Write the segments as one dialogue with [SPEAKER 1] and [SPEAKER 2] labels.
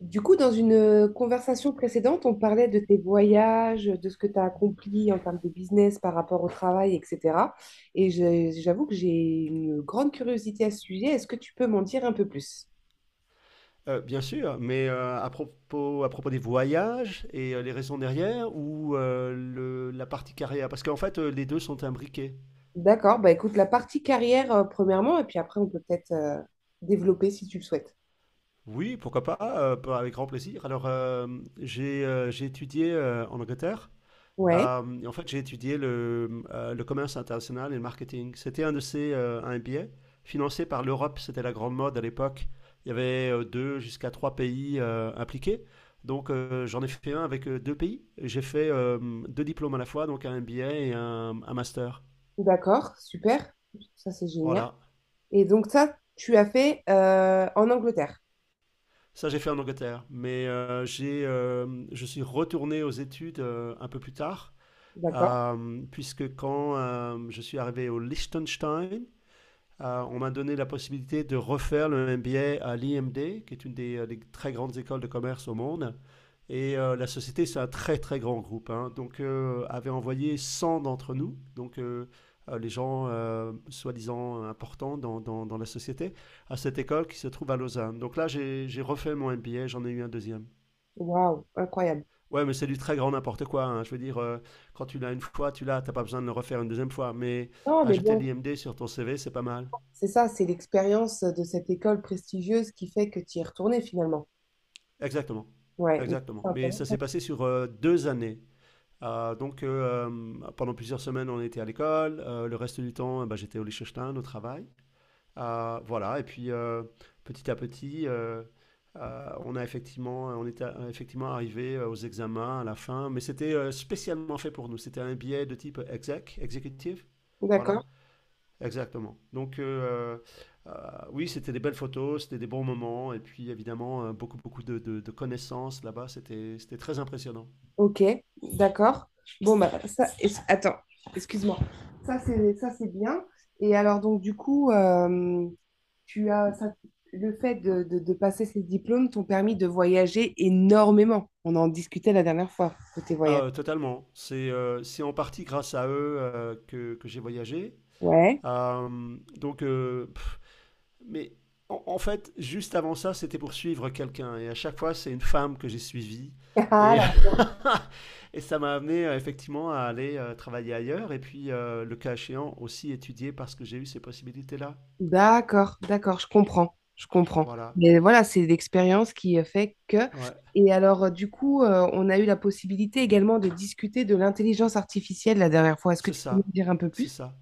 [SPEAKER 1] Du coup, dans une conversation précédente, on parlait de tes voyages, de ce que tu as accompli en termes de business par rapport au travail, etc. J'avoue que j'ai une grande curiosité à ce sujet. Est-ce que tu peux m'en dire un peu plus?
[SPEAKER 2] Bien sûr, mais à propos des voyages et les raisons derrière ou la partie carrière, parce qu'en fait les deux sont imbriqués.
[SPEAKER 1] D'accord, bah écoute, la partie carrière, premièrement, et puis après, on peut peut-être développer si tu le souhaites.
[SPEAKER 2] Oui, pourquoi pas, pas avec grand plaisir. Alors, j'ai étudié en Angleterre.
[SPEAKER 1] Ouais,
[SPEAKER 2] Et en fait, j'ai étudié le commerce international et le marketing. C'était un de ces un MBA financé par l'Europe. C'était la grande mode à l'époque. Il y avait deux jusqu'à trois pays impliqués. J'en ai fait un avec deux pays. J'ai fait deux diplômes à la fois, donc un MBA et un master.
[SPEAKER 1] d'accord, super, ça c'est génial.
[SPEAKER 2] Voilà.
[SPEAKER 1] Et donc ça, tu as fait en Angleterre,
[SPEAKER 2] Ça, j'ai fait en Angleterre. Mais je suis retourné aux études un peu plus tard,
[SPEAKER 1] d'accord?
[SPEAKER 2] puisque quand je suis arrivé au Liechtenstein. On m'a donné la possibilité de refaire le MBA à l'IMD, qui est une des très grandes écoles de commerce au monde. Et la société, c'est un très très grand groupe, hein. Avait envoyé 100 d'entre nous, donc les gens soi-disant importants dans la société, à cette école qui se trouve à Lausanne. Donc là, j'ai refait mon MBA, j'en ai eu un deuxième.
[SPEAKER 1] Waouh, incroyable.
[SPEAKER 2] Ouais, mais c'est du très grand n'importe quoi, hein. Je veux dire, quand tu l'as une fois, tu l'as, t'as pas besoin de le refaire une deuxième fois. Mais
[SPEAKER 1] Non, mais
[SPEAKER 2] ajouter
[SPEAKER 1] bon,
[SPEAKER 2] l'IMD sur ton CV, c'est pas mal.
[SPEAKER 1] c'est ça, c'est l'expérience de cette école prestigieuse qui fait que tu y es retourné finalement.
[SPEAKER 2] Exactement,
[SPEAKER 1] Ouais, mais
[SPEAKER 2] exactement.
[SPEAKER 1] c'est
[SPEAKER 2] Mais ça
[SPEAKER 1] intéressant.
[SPEAKER 2] s'est passé sur 2 années. Pendant plusieurs semaines, on était à l'école. Le reste du temps, bah, j'étais au Liechtenstein, au travail. Voilà. Et puis, petit à petit, on était effectivement arrivé aux examens à la fin. Mais c'était spécialement fait pour nous. C'était un billet de type exec, executive. Voilà.
[SPEAKER 1] D'accord,
[SPEAKER 2] Exactement. Euh, oui, c'était des belles photos, c'était des bons moments, et puis évidemment, beaucoup, beaucoup de connaissances là-bas, c'était très impressionnant.
[SPEAKER 1] ok, d'accord. Attends, excuse-moi. Ça, c'est bien. Et alors, donc, du coup, tu as ça- le fait de passer ces diplômes t'ont permis de voyager énormément. On en discutait la dernière fois de tes
[SPEAKER 2] Ah,
[SPEAKER 1] voyages.
[SPEAKER 2] totalement. C'est en partie grâce à eux que j'ai voyagé.
[SPEAKER 1] Ouais.
[SPEAKER 2] Euh, donc, euh, pff, mais en fait, juste avant ça, c'était pour suivre quelqu'un, et à chaque fois, c'est une femme que j'ai suivie. Et,
[SPEAKER 1] Ah,
[SPEAKER 2] et ça m'a amené effectivement à aller travailler ailleurs et puis le cas échéant aussi étudier parce que j'ai eu ces possibilités-là.
[SPEAKER 1] d'accord, d'accord, je comprends, je comprends.
[SPEAKER 2] Voilà,
[SPEAKER 1] Mais voilà, c'est l'expérience qui fait que...
[SPEAKER 2] ouais,
[SPEAKER 1] Et alors, du coup, on a eu la possibilité également de discuter de l'intelligence artificielle la dernière fois. Est-ce que
[SPEAKER 2] c'est
[SPEAKER 1] tu peux nous
[SPEAKER 2] ça,
[SPEAKER 1] dire un peu
[SPEAKER 2] c'est
[SPEAKER 1] plus?
[SPEAKER 2] ça.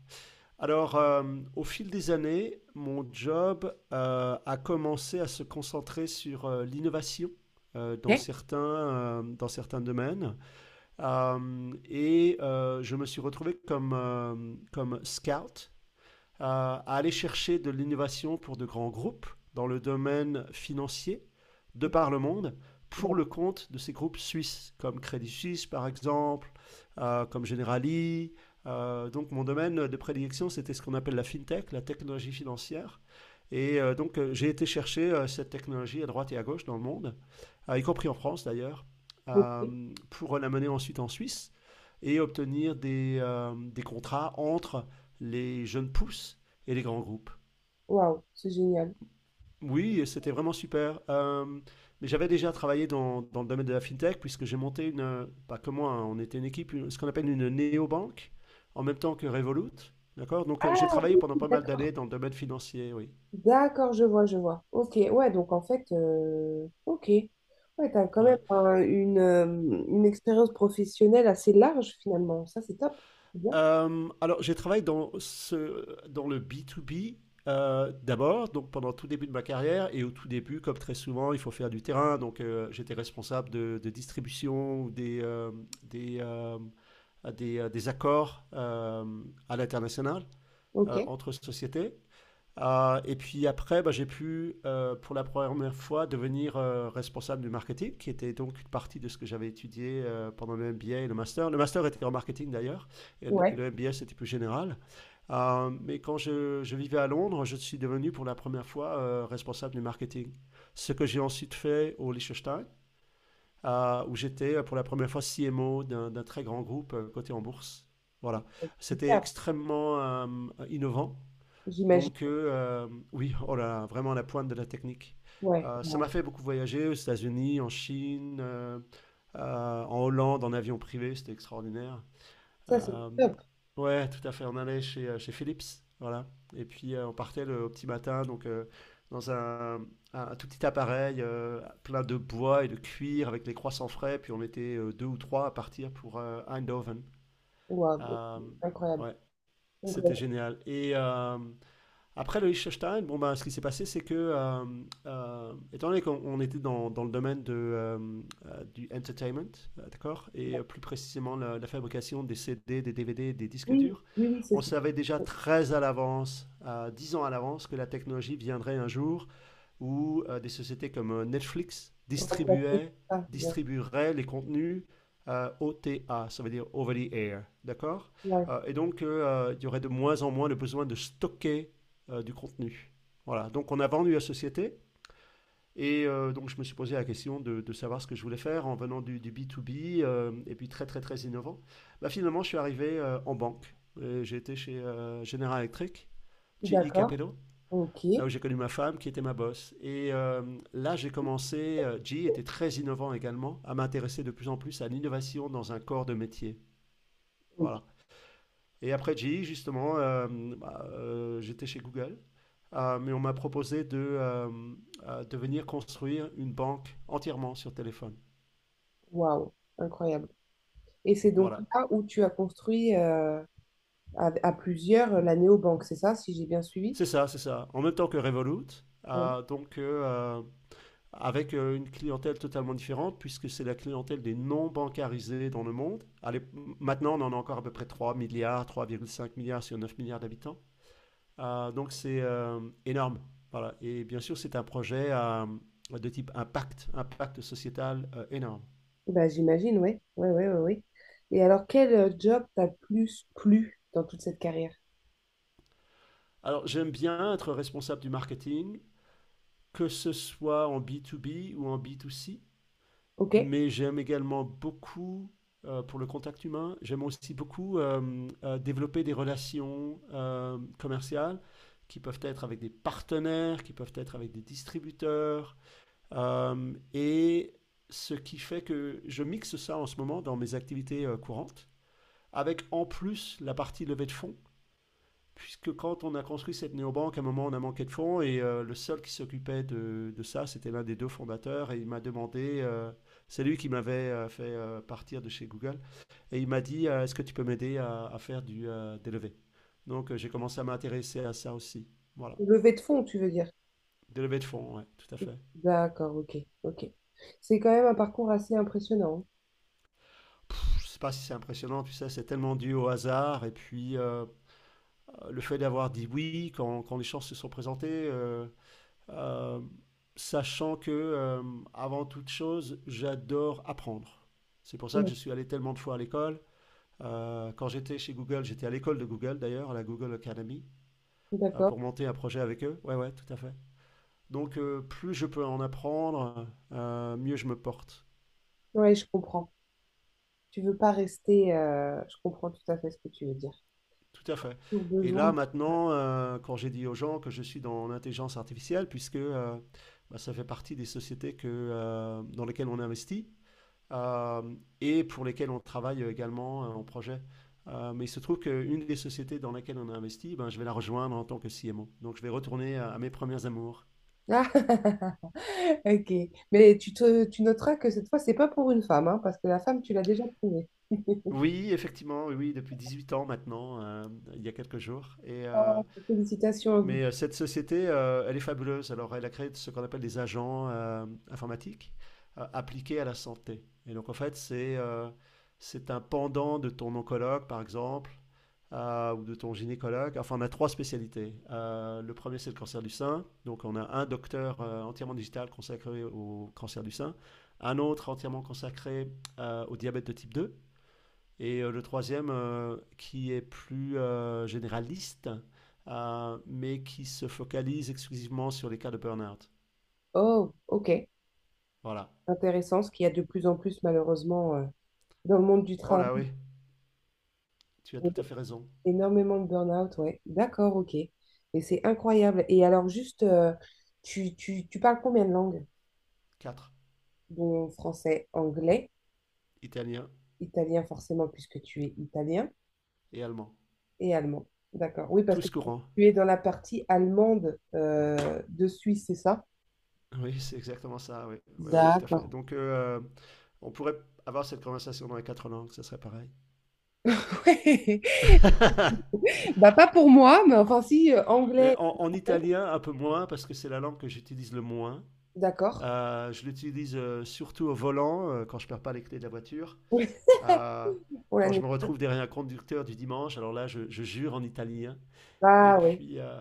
[SPEAKER 2] Alors, au fil des années, mon job a commencé à se concentrer sur l'innovation
[SPEAKER 1] Ok.
[SPEAKER 2] dans certains domaines. Et je me suis retrouvé comme scout à aller chercher de l'innovation pour de grands groupes dans le domaine financier de par le monde pour
[SPEAKER 1] D'accord,
[SPEAKER 2] le compte de ces groupes suisses, comme Crédit Suisse par exemple, comme Generali. Donc mon domaine de prédilection, c'était ce qu'on appelle la fintech, la technologie financière. Et j'ai été chercher cette technologie à droite et à gauche dans le monde, y compris en France d'ailleurs,
[SPEAKER 1] ok,
[SPEAKER 2] pour l'amener ensuite en Suisse et obtenir des contrats entre les jeunes pousses et les grands groupes.
[SPEAKER 1] waouh, c'est génial.
[SPEAKER 2] Oui, c'était vraiment super. Mais j'avais déjà travaillé dans le domaine de la fintech, puisque j'ai monté pas que moi, hein, on était une équipe, ce qu'on appelle une néobanque, en même temps que Revolut. D'accord? J'ai
[SPEAKER 1] Ah,
[SPEAKER 2] travaillé pendant pas mal
[SPEAKER 1] d'accord,
[SPEAKER 2] d'années dans le domaine financier, oui.
[SPEAKER 1] d'accord, je vois, je vois. Ok, ouais, donc en fait, ok, ouais, t'as quand même
[SPEAKER 2] Ouais.
[SPEAKER 1] un- une expérience professionnelle assez large finalement. Ça, c'est top. C'est bien.
[SPEAKER 2] Alors, j'ai travaillé dans le B2B d'abord, donc pendant tout début de ma carrière, et au tout début, comme très souvent, il faut faire du terrain. J'étais responsable de distribution ou des, euh, des accords à l'international
[SPEAKER 1] Ok,
[SPEAKER 2] entre sociétés. Et puis après, bah, j'ai pu, pour la première fois, devenir responsable du marketing, qui était donc une partie de ce que j'avais étudié pendant le MBA et le master. Le master était en marketing d'ailleurs, et le et
[SPEAKER 1] ouais,
[SPEAKER 2] le MBA c'était plus général. Mais quand je vivais à Londres, je suis devenu pour la première fois responsable du marketing. Ce que j'ai ensuite fait au Liechtenstein, où j'étais pour la première fois CMO d'un très grand groupe coté en bourse. Voilà, c'était
[SPEAKER 1] super,
[SPEAKER 2] extrêmement innovant.
[SPEAKER 1] j'imagine.
[SPEAKER 2] Oui, oh là là, vraiment à la pointe de la technique.
[SPEAKER 1] Ouais,
[SPEAKER 2] Ça m'a
[SPEAKER 1] ouais.
[SPEAKER 2] fait beaucoup voyager aux États-Unis, en Chine, en Hollande, en avion privé, c'était extraordinaire.
[SPEAKER 1] Ça, c'est
[SPEAKER 2] Euh,
[SPEAKER 1] top.
[SPEAKER 2] ouais, tout à fait, on allait chez Philips, voilà. Et puis on partait au petit matin, dans un tout petit appareil plein de bois et de cuir avec des croissants frais, puis on était deux ou trois à partir pour Eindhoven.
[SPEAKER 1] Waouh,
[SPEAKER 2] Euh,
[SPEAKER 1] incroyable.
[SPEAKER 2] ouais, c'était
[SPEAKER 1] Incroyable.
[SPEAKER 2] génial. Après le Liechtenstein, bon, ben, ce qui s'est passé, c'est que, étant donné qu'on était dans le domaine du entertainment, d'accord, et plus précisément la fabrication des CD, des DVD, des disques
[SPEAKER 1] Oui,
[SPEAKER 2] durs,
[SPEAKER 1] oui, oui, c'est
[SPEAKER 2] on
[SPEAKER 1] ça.
[SPEAKER 2] savait déjà très à l'avance, 10 ans à l'avance, que la technologie viendrait un jour où des sociétés comme Netflix
[SPEAKER 1] Remplacer ça, bien.
[SPEAKER 2] distribueraient les contenus OTA, ça veut dire over the air, d'accord.
[SPEAKER 1] Ouais.
[SPEAKER 2] Et donc, il y aurait de moins en moins le besoin de stocker du contenu. Voilà, donc on a vendu la société. Et donc je me suis posé la question de savoir ce que je voulais faire en venant du B2B et puis très très très innovant. Bah, finalement je suis arrivé en banque. Et j'ai été chez General Electric, GE
[SPEAKER 1] D'accord.
[SPEAKER 2] Capital,
[SPEAKER 1] Ok.
[SPEAKER 2] là où j'ai connu ma femme, qui était ma boss. Et là, j'ai commencé, G était très innovant également, à m'intéresser de plus en plus à l'innovation dans un corps de métier.
[SPEAKER 1] Ok.
[SPEAKER 2] Voilà. Et après G, justement, j'étais chez Google, mais on m'a proposé de venir construire une banque entièrement sur téléphone.
[SPEAKER 1] Waouh, incroyable. Et c'est donc
[SPEAKER 2] Voilà.
[SPEAKER 1] là où tu as construit à, à plusieurs, la néobanque, c'est ça, si j'ai bien suivi?
[SPEAKER 2] C'est ça, c'est ça. En même temps que Revolut.
[SPEAKER 1] Ouais.
[SPEAKER 2] Euh, donc, euh, Avec une clientèle totalement différente, puisque c'est la clientèle des non bancarisés dans le monde. Allez, maintenant, on en a encore à peu près 3 milliards, 3,5 milliards sur 9 milliards d'habitants. Donc c'est énorme. Voilà. Et bien sûr, c'est un projet de type impact, impact sociétal énorme.
[SPEAKER 1] Bah, j'imagine, ouais. Ouais, ouais, ouais, ouais. Et alors, quel job t'a plus plu dans toute cette carrière?
[SPEAKER 2] Alors j'aime bien être responsable du marketing, que ce soit en B2B ou en B2C.
[SPEAKER 1] Ok.
[SPEAKER 2] Mais j'aime également beaucoup, pour le contact humain, j'aime aussi beaucoup développer des relations commerciales qui peuvent être avec des partenaires, qui peuvent être avec des distributeurs. Et ce qui fait que je mixe ça en ce moment dans mes activités courantes, avec en plus la partie levée de fonds, puisque quand on a construit cette néobanque, à un moment, on a manqué de fonds et le seul qui s'occupait de ça, c'était l'un des deux fondateurs et il m'a demandé, c'est lui qui m'avait fait partir de chez Google, et il m'a dit, est-ce que tu peux m'aider à faire des levées. J'ai commencé à m'intéresser à ça aussi. Voilà,
[SPEAKER 1] Levée de fonds, tu veux dire?
[SPEAKER 2] des levées de fonds, ouais, tout à fait.
[SPEAKER 1] D'accord, ok, ok. C'est quand même un parcours assez impressionnant.
[SPEAKER 2] Je ne sais pas si c'est impressionnant, tu sais, c'est tellement dû au hasard et puis le fait d'avoir dit oui quand les chances se sont présentées. Euh, Sachant que, avant toute chose, j'adore apprendre. C'est pour ça que
[SPEAKER 1] Hein.
[SPEAKER 2] je suis allé tellement de fois à l'école. Quand j'étais chez Google, j'étais à l'école de Google d'ailleurs, à la Google Academy,
[SPEAKER 1] D'accord.
[SPEAKER 2] pour monter un projet avec eux. Ouais, ouais, tout à fait. Plus je peux en apprendre, mieux je me porte.
[SPEAKER 1] Oui, je comprends. Tu veux pas rester. Je comprends tout à fait ce que tu veux dire.
[SPEAKER 2] Tout à fait.
[SPEAKER 1] Au
[SPEAKER 2] Et
[SPEAKER 1] besoin.
[SPEAKER 2] là, maintenant, quand j'ai dit aux gens que je suis dans l'intelligence artificielle, puisque bah, ça fait partie des sociétés dans lesquelles on investit, euh, et pour lesquels on travaille également en projet. Mais il se trouve qu'une des sociétés dans laquelle on a investi, ben, je vais la rejoindre en tant que CMO. Donc je vais retourner à mes premiers amours.
[SPEAKER 1] Ah, ok. Mais tu noteras que cette fois, c'est pas pour une femme, hein, parce que la femme, tu l'as déjà trouvée.
[SPEAKER 2] Oui, effectivement, oui, oui, depuis 8 ans maintenant, il y a quelques jours.
[SPEAKER 1] Félicitations à vous.
[SPEAKER 2] Mais cette société, elle est fabuleuse. Alors, elle a créé ce qu'on appelle des agents informatiques appliqués à la santé. Et donc, en fait, c'est un pendant de ton oncologue, par exemple, ou de ton gynécologue. Enfin, on a trois spécialités. Le premier, c'est le cancer du sein. Donc, on a un docteur entièrement digital consacré au cancer du sein, un autre entièrement consacré au diabète de type 2. Et le troisième, qui est plus généraliste, mais qui se focalise exclusivement sur les cas de burn-out.
[SPEAKER 1] Oh, ok.
[SPEAKER 2] Voilà.
[SPEAKER 1] Intéressant, ce qu'il y a de plus en plus, malheureusement, dans le monde du
[SPEAKER 2] Oh
[SPEAKER 1] travail.
[SPEAKER 2] là oui, tu as tout à fait raison.
[SPEAKER 1] Énormément de burn-out, ouais. D'accord, ok. Mais c'est incroyable. Et alors, juste, tu parles combien de langues?
[SPEAKER 2] Quatre,
[SPEAKER 1] Bon, français, anglais.
[SPEAKER 2] italien
[SPEAKER 1] Italien, forcément, puisque tu es italien
[SPEAKER 2] et allemand.
[SPEAKER 1] et allemand. D'accord. Oui, parce que
[SPEAKER 2] Tous courants.
[SPEAKER 1] tu es dans la partie allemande de Suisse, c'est ça?
[SPEAKER 2] Oui, c'est exactement ça, oui, oui, oui tout à fait.
[SPEAKER 1] D'accord.
[SPEAKER 2] On pourrait avoir cette conversation dans les quatre langues, ça serait pareil.
[SPEAKER 1] Ouais. Bah, pas pour moi, mais enfin, si,
[SPEAKER 2] Mais
[SPEAKER 1] anglais.
[SPEAKER 2] en
[SPEAKER 1] Français.
[SPEAKER 2] italien, un peu moins, parce que c'est la langue que j'utilise le moins.
[SPEAKER 1] D'accord.
[SPEAKER 2] Je l'utilise surtout au volant, quand je ne perds pas les clés de la voiture.
[SPEAKER 1] Oui.
[SPEAKER 2] Euh,
[SPEAKER 1] Pour
[SPEAKER 2] Quand je
[SPEAKER 1] l'année.
[SPEAKER 2] me retrouve derrière un conducteur du dimanche, alors là, je jure en italien. Et
[SPEAKER 1] Ah, oui.
[SPEAKER 2] puis,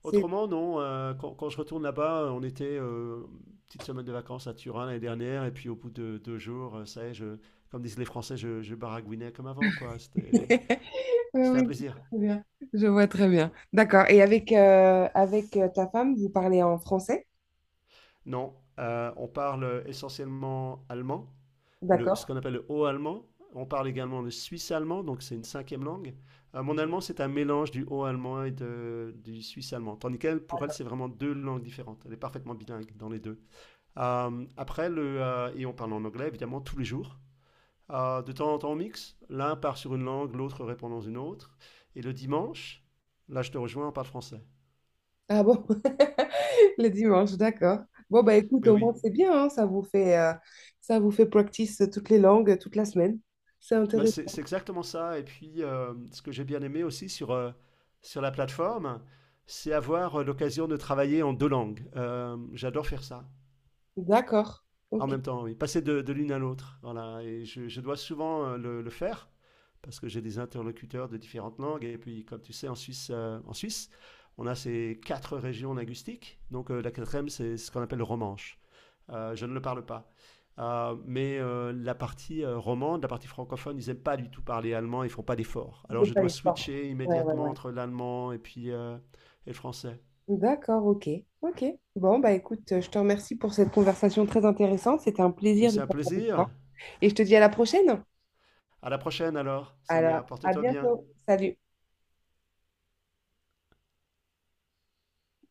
[SPEAKER 1] C'est-
[SPEAKER 2] autrement, non. Quand je retourne là-bas, on était une petite semaine de vacances à Turin l'année dernière. Et puis, au bout de 2 jours, ça y est, comme disent les Français, je baragouinais comme avant, quoi. C'était, c'était
[SPEAKER 1] Oui, oui,
[SPEAKER 2] un
[SPEAKER 1] je
[SPEAKER 2] plaisir.
[SPEAKER 1] vois très bien. Je vois très bien. D'accord. Et avec, euh, avec, ta femme, vous parlez en français?
[SPEAKER 2] Non, on parle essentiellement allemand, ce
[SPEAKER 1] D'accord.
[SPEAKER 2] qu'on appelle le haut allemand. On parle également le suisse allemand, donc c'est une cinquième langue. Mon allemand, c'est un mélange du haut allemand du suisse allemand. Tandis qu'elle, pour elle, c'est vraiment deux langues différentes. Elle est parfaitement bilingue dans les deux. Et on parle en anglais, évidemment, tous les jours. De temps en temps, on mixe. L'un part sur une langue, l'autre répond dans une autre. Et le dimanche, là, je te rejoins, on parle français.
[SPEAKER 1] Ah bon? Le dimanche, d'accord. Bon, bah écoute,
[SPEAKER 2] Mais
[SPEAKER 1] au moins
[SPEAKER 2] oui,
[SPEAKER 1] c'est bien, hein, ça vous fait practice toutes les langues, toute la semaine. C'est
[SPEAKER 2] bah, c'est
[SPEAKER 1] intéressant.
[SPEAKER 2] exactement ça. Et puis, ce que j'ai bien aimé aussi sur la plateforme, c'est avoir l'occasion de travailler en deux langues. J'adore faire ça.
[SPEAKER 1] D'accord.
[SPEAKER 2] En
[SPEAKER 1] Ok.
[SPEAKER 2] même temps, oui. Passer de l'une à l'autre. Voilà. Et je dois souvent le faire parce que j'ai des interlocuteurs de différentes langues. Et puis, comme tu sais, en Suisse on a ces quatre régions linguistiques. La quatrième, c'est ce qu'on appelle le romanche. Je ne le parle pas. Mais la partie romande, la partie francophone, ils n'aiment pas du tout parler allemand, ils ne font pas d'efforts.
[SPEAKER 1] Je
[SPEAKER 2] Alors
[SPEAKER 1] fais
[SPEAKER 2] je
[SPEAKER 1] pas
[SPEAKER 2] dois
[SPEAKER 1] l'effort.
[SPEAKER 2] switcher
[SPEAKER 1] Ouais, ouais,
[SPEAKER 2] immédiatement
[SPEAKER 1] ouais.
[SPEAKER 2] entre l'allemand et le français.
[SPEAKER 1] D'accord, ok. Ok. Bon, bah écoute, je te remercie pour cette conversation très intéressante. C'était un
[SPEAKER 2] Mais
[SPEAKER 1] plaisir de
[SPEAKER 2] c'est un
[SPEAKER 1] parler avec
[SPEAKER 2] plaisir.
[SPEAKER 1] toi. Et je te dis à la prochaine.
[SPEAKER 2] À la prochaine alors, Sonia,
[SPEAKER 1] Alors, à
[SPEAKER 2] porte-toi bien.
[SPEAKER 1] bientôt. Salut.